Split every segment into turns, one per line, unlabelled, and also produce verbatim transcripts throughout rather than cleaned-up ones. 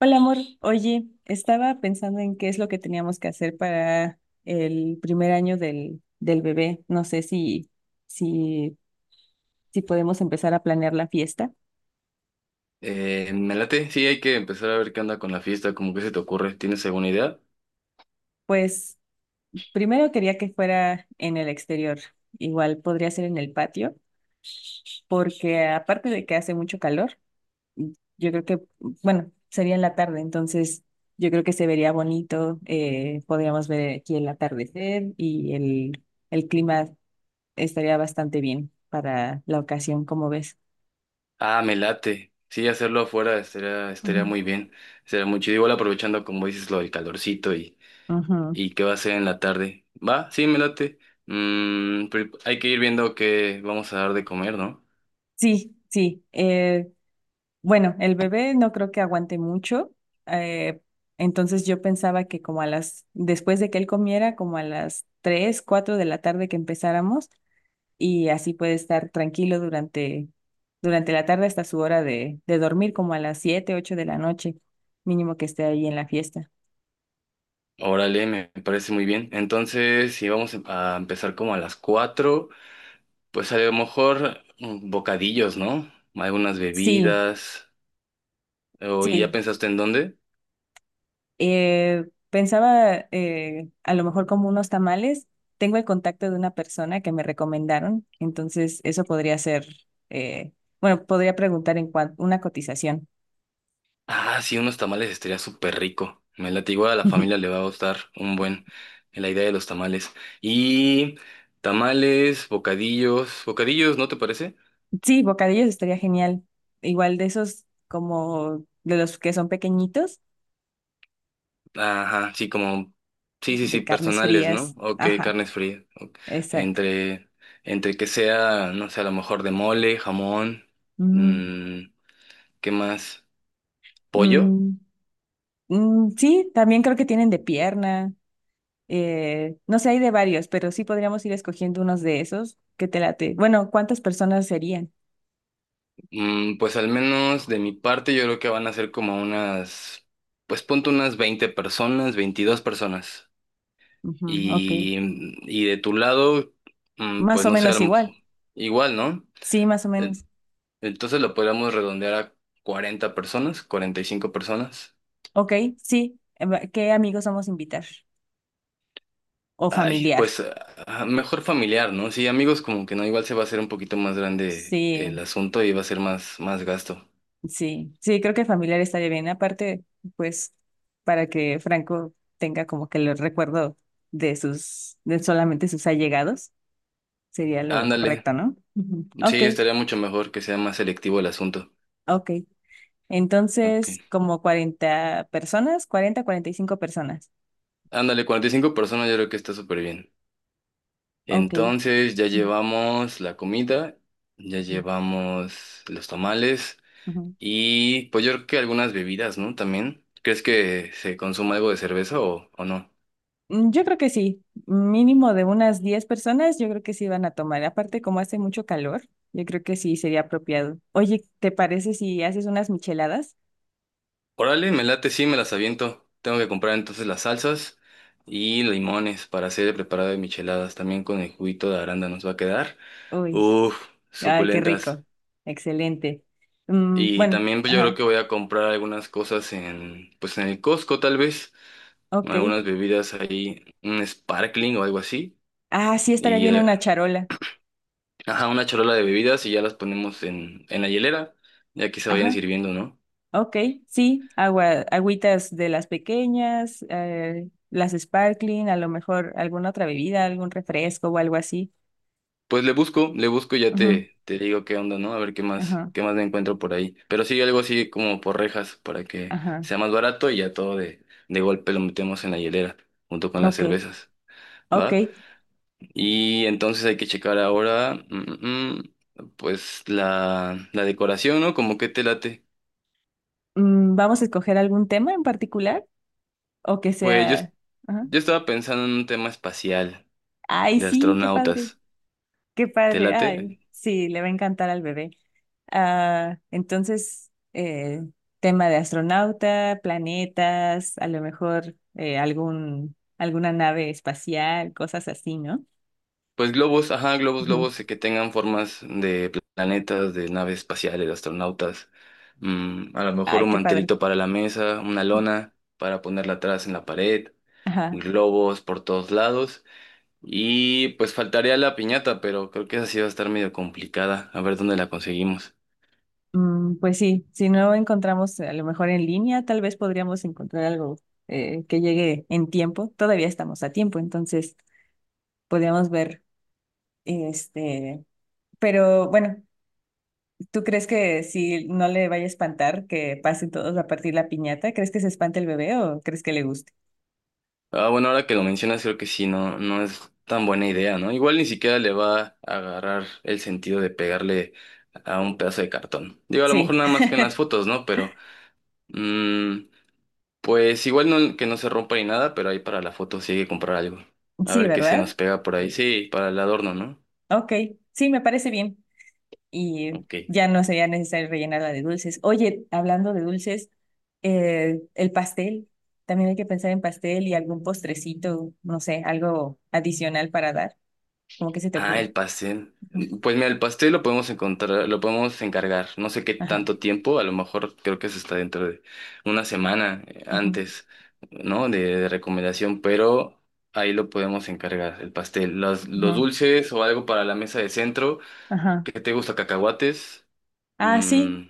Hola, amor. Oye, estaba pensando en qué es lo que teníamos que hacer para el primer año del, del bebé. No sé si, si, si podemos empezar a planear la fiesta.
Eh, me late, sí, hay que empezar a ver qué onda con la fiesta, como que se te ocurre, ¿tienes alguna idea?
Pues primero quería que fuera en el exterior. Igual podría ser en el patio, porque aparte de que hace mucho calor, yo creo que, bueno, sería en la tarde, entonces yo creo que se vería bonito. Eh, podríamos ver aquí el atardecer y el, el clima. Estaría bastante bien para la ocasión, como ves.
Ah, me late, sí, hacerlo afuera estaría, estaría
Ujú.
muy bien, estaría muy chido, igual aprovechando como dices lo del calorcito y,
Ujú.
y qué va a ser en la tarde. Va, sí, me late. Mm, pero hay que ir viendo qué vamos a dar de comer, ¿no?
Sí, sí. Eh, bueno, el bebé no creo que aguante mucho. eh, entonces yo pensaba que como a las, después de que él comiera, como a las tres cuatro de la tarde que empezáramos, y así puede estar tranquilo durante, durante la tarde hasta su hora de, de dormir, como a las siete ocho de la noche, mínimo que esté ahí en la fiesta.
Órale, me me parece muy bien, entonces si vamos a empezar como a las cuatro pues a lo mejor mm, bocadillos, ¿no? Algunas
Sí,
bebidas. ¿O ¿Y ya
sí.
pensaste en dónde?
Eh, pensaba, eh, a lo mejor como unos tamales. Tengo el contacto de una persona que me recomendaron, entonces eso podría ser. eh, bueno, podría preguntar en cuanto una cotización.
Ah, sí, unos tamales estaría súper rico. Me late, igual a la familia le va a gustar un buen la idea de los tamales. Y tamales, bocadillos, bocadillos, ¿no te parece?
Sí, bocadillos estaría genial. Igual de esos como de los que son pequeñitos,
Ajá, sí, como, sí, sí, sí,
de carnes
personales, ¿no?
frías.
Ok,
Ajá,
carnes frías. Ok.
exacto.
Entre, entre que sea, no sé, a lo mejor de mole, jamón,
Mm,
mm, ¿qué más? ¿Pollo?
mm, mm, sí, también creo que tienen de pierna. Eh, no sé, hay de varios, pero sí podríamos ir escogiendo unos de esos que te late. Bueno, ¿cuántas personas serían?
Mm, pues al menos de mi parte yo creo que van a ser como unas, pues ponte unas veinte personas, veintidós personas.
Ujú, ok,
Y, y de tu lado, mm, pues
más o
no sé, a
menos
lo
igual.
mejor- igual, ¿no?
Sí, más o
Eh,
menos.
Entonces lo podríamos redondear a cuarenta personas, cuarenta y cinco personas.
Ok, sí. Eh, va- ¿qué amigos vamos a invitar? O
Ay,
familiar.
pues ah, mejor familiar, ¿no? Sí, amigos como que no, igual se va a hacer un poquito más grande el
Sí,
asunto y va a ser más, más gasto.
sí, sí, creo que familiar estaría bien. Aparte, pues, para que Franco tenga como que el recuerdo de sus, de solamente sus allegados, sería lo
Ándale,
correcto, ¿no? Ujú. Ok,
sí, estaría mucho mejor que sea más selectivo el asunto.
ok.
Ok.
Entonces, como cuarenta personas, cuarenta, cuarenta y cinco personas.
Ándale, cuarenta y cinco personas yo creo que está súper bien.
Ok.
Entonces ya
Ujú,
llevamos la comida, ya llevamos los tamales
ujú.
y pues yo creo que algunas bebidas, ¿no? También. ¿Crees que se consuma algo de cerveza o, o no?
Mm, Yo creo que sí, mínimo de unas diez personas, yo creo que sí van a tomar. Aparte, como hace mucho calor, yo creo que sí sería apropiado. Oye, ¿te parece si haces unas micheladas?
Órale, me late, sí, me las aviento. Tengo que comprar entonces las salsas y limones para hacer el preparado de micheladas. También con el juguito de aranda nos va a quedar.
Uy,
Uf,
ay, qué
suculentas.
rico. Excelente. Mm,
Y
bueno,
también pues yo creo
ajá,
que voy a comprar algunas cosas en, pues en el Costco tal vez.
ok.
Algunas bebidas ahí, un sparkling o algo así,
Ah, sí, estaría
y
bien
eh,
una charola.
ajá, una charola de bebidas y ya las ponemos en, en la hielera, ya que se vayan
Ajá.
sirviendo, ¿no?
Ok, sí, agua, agüitas de las pequeñas, eh, las sparkling, a lo mejor alguna otra bebida, algún refresco o algo así.
Pues le busco, le busco y ya
Ujú,
te, te digo qué onda, ¿no? A ver qué más,
ajá,
qué más me encuentro por ahí. Pero sí, algo así como por rejas, para que
ajá,
sea más barato y ya todo de, de golpe lo metemos en la hielera, junto con las
ok,
cervezas,
ok.
¿va? Y entonces hay que checar ahora, mm, mm, mm, pues la, la decoración, ¿no? Como que te late.
Mm, ¿vamos a escoger algún tema en particular? O que
Pues yo, es-
sea... ajá.
yo estaba pensando en un tema espacial
Ay,
de
sí, qué padre,
astronautas.
qué
¿Te
padre. Ay,
late?
sí, le va a encantar al bebé. Ah, entonces, eh, tema de astronauta, planetas, a lo mejor eh, algún, alguna nave espacial, cosas así, ¿no?
Pues globos, ajá, globos,
Ujú.
globos eh, que tengan formas de planetas, de naves espaciales, de astronautas. Mm, a lo mejor
Ay,
un
qué padre.
mantelito para la mesa, una lona para ponerla atrás en la pared,
Ajá.
globos por todos lados. Y pues faltaría la piñata, pero creo que esa sí va a estar medio complicada. A ver dónde la conseguimos.
Mm, pues sí, si no encontramos a lo mejor en línea, tal vez podríamos encontrar algo, eh, que llegue en tiempo. Todavía estamos a tiempo, entonces podríamos ver, este, pero bueno. ¿Tú crees que si no le vaya a espantar que pasen todos a partir la piñata? ¿Crees que se espante el bebé o crees que le guste?
Ah, bueno, ahora que lo mencionas, creo que sí, no, no es tan buena idea, ¿no? Igual ni siquiera le va a agarrar el sentido de pegarle a un pedazo de cartón. Digo, a lo mejor
Sí,
nada más que en las fotos, ¿no? Pero, mm, pues igual no, que no se rompa ni nada, pero ahí para la foto sí hay que comprar algo. A
sí,
ver qué se
¿verdad?
nos pega por ahí. Sí, para el adorno, ¿no?
Ok, sí, me parece bien. Y
Ok.
ya no sería necesario rellenarla de dulces. Oye, hablando de dulces, eh, el pastel, también hay que pensar en pastel y algún postrecito, no sé, algo adicional para dar. ¿Cómo que se te
Ah,
ocurre?
el pastel.
Ujú,
Pues mira, el pastel lo podemos encontrar, lo podemos encargar. No sé qué
ajá,
tanto tiempo, a lo mejor creo que se está dentro de una semana eh,
ajá,
antes, ¿no? De, de recomendación, pero ahí lo podemos encargar, el pastel. Los, los
ajá,
dulces o algo para la mesa de centro.
ajá.
¿Qué te gusta? Cacahuates,
Ah, sí.
mm,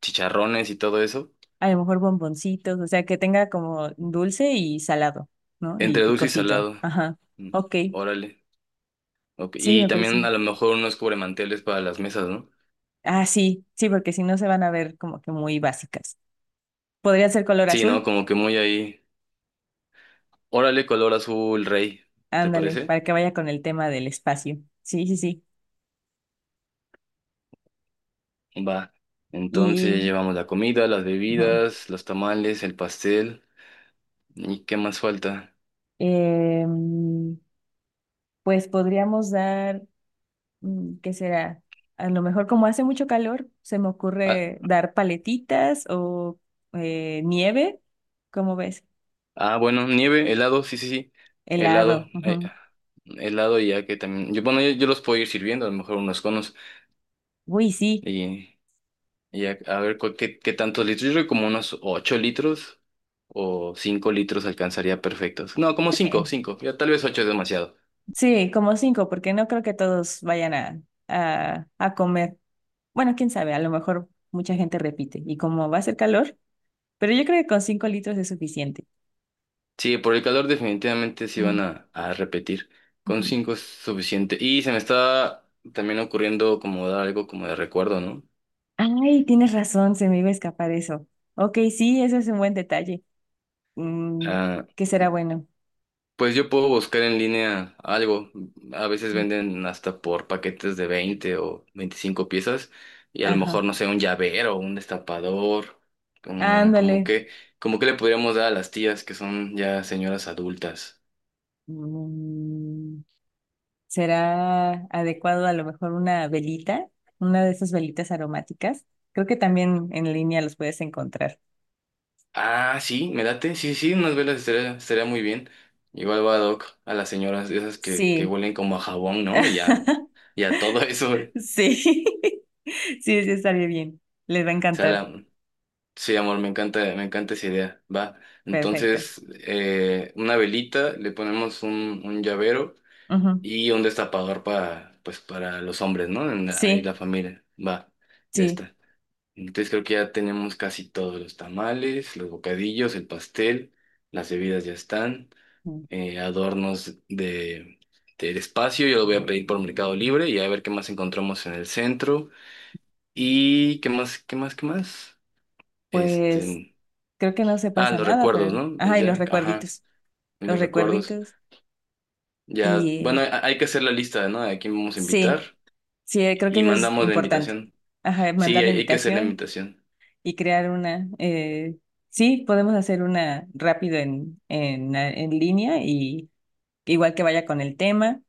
chicharrones y todo eso.
A lo mejor bomboncitos, o sea, que tenga como dulce y salado, ¿no? Y
Entre dulce y
picosito.
salado.
Ajá.
Mm,
Ok.
órale. Ok.
Sí,
Y
me parece.
también a lo mejor unos cubremanteles para las mesas, ¿no?
Ah, sí, sí, porque si no se van a ver como que muy básicas. Podría ser color
Sí, ¿no?
azul.
Como que muy ahí. Órale, color azul, rey. ¿Te
Ándale,
parece?
para que vaya con el tema del espacio. Sí, sí, sí.
Va. Entonces
Y
llevamos la comida, las
ajá.
bebidas, los tamales, el pastel. ¿Y qué más falta?
Em, pues podríamos dar, mm, ¿qué será? A lo mejor como hace mucho calor, se me
Ah,
ocurre dar paletitas o eh, nieve, ¿cómo ves?
ah, bueno, nieve, helado, sí, sí, sí. Helado.
Helado.
eh,
Ujú.
helado Y ya que también... Yo, bueno, yo, yo los puedo ir sirviendo, a lo mejor unos conos.
Uy, sí.
Y, y a, a ver cu- qué, qué tantos litros. Yo creo que como unos ocho litros o cinco litros alcanzaría perfectos. No, como cinco,
Sí,
cinco. Ya tal vez ocho es demasiado.
sí, como cinco, porque no creo que todos vayan a, a, a comer. Bueno, quién sabe, a lo mejor mucha gente repite. Y como va a hacer calor, pero yo creo que con cinco litros es suficiente.
Sí, por el calor definitivamente sí van
Ujú,
a, a repetir. Con
ujú.
cinco es suficiente. Y se me está también ocurriendo como dar algo como de recuerdo, ¿no?
Ay, tienes razón, se me iba a escapar eso. Ok, sí, eso es un buen detalle. Mm,
Ah,
¿qué será bueno?
pues yo puedo buscar en línea algo. A veces venden hasta por paquetes de veinte o veinticinco piezas. Y a lo
Ajá.
mejor, no sé, un llavero, un destapador. Como, como
Ándale.
que, como que le podríamos dar a las tías que son ya señoras adultas.
Mm, será adecuado a lo mejor una velita, una de esas velitas aromáticas. Creo que también en línea los puedes encontrar.
Ah, sí, me late. Sí, sí, unas velas estaría, estaría muy bien. Igual va ad hoc a las señoras, esas que, que
Sí,
huelen como a jabón, ¿no? Y a, y a todo eso. O
sí, sí, sí, estaría bien. Les va a
sea,
encantar.
la- sí, amor, me encanta, me encanta esa idea. Va.
Perfecto.
Entonces, eh, una velita, le ponemos un, un llavero
Ujú.
y un destapador para, pues, para los hombres, ¿no? En la- ahí la
Sí,
familia. Va, ya
sí.
está. Entonces creo que ya tenemos casi todos los tamales, los bocadillos, el pastel, las bebidas ya están.
Mm.
Eh, adornos de, del espacio. Yo lo voy a pedir por Mercado Libre y a ver qué más encontramos en el centro. Y qué más, qué más, qué más.
Pues
Este,
creo que no se
ah,
pasa
los
nada,
recuerdos,
pero...
¿no? Y
Ajá, y los
ya, ajá,
recuerditos,
y
los
los recuerdos.
recuerditos. Y
Ya,
eh,
bueno, ha- hay que hacer la lista, ¿no? A quién vamos a invitar
sí, sí, eh, creo que
y
eso es
mandamos la
importante.
invitación.
Ajá,
Sí,
mandar la
hay, hay que hacer la
invitación
invitación.
y crear una. Eh, sí, podemos hacer una rápido en, en, en línea y igual que vaya con el tema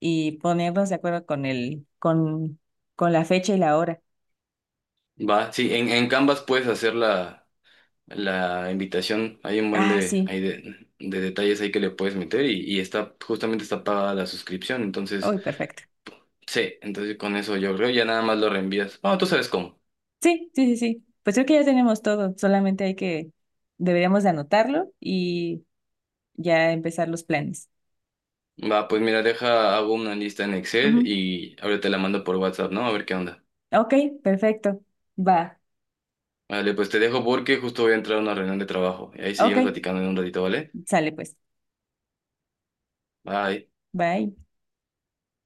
y ponernos de acuerdo con el, con, con la fecha y la hora.
Va, sí, en, en Canvas puedes hacerla la invitación. Hay un buen
Ah,
de,
sí.
hay de, de detalles ahí que le puedes meter y, y está justamente está pagada la suscripción. Entonces,
Uy, perfecto.
sí, entonces con eso yo creo ya nada más lo reenvías. Bueno, tú sabes cómo.
Sí, sí, sí, sí. Pues creo que ya tenemos todo. Solamente hay que, deberíamos de anotarlo y ya empezar los planes.
Va, pues mira, deja, hago una lista en Excel
Ujú.
y ahora te la mando por WhatsApp, ¿no? A ver qué onda.
Ok, perfecto. Va.
Vale, pues te dejo porque justo voy a entrar a una reunión de trabajo. Y ahí
Ok,
seguimos platicando en un ratito, ¿vale?
sale pues.
Bye.
Bye.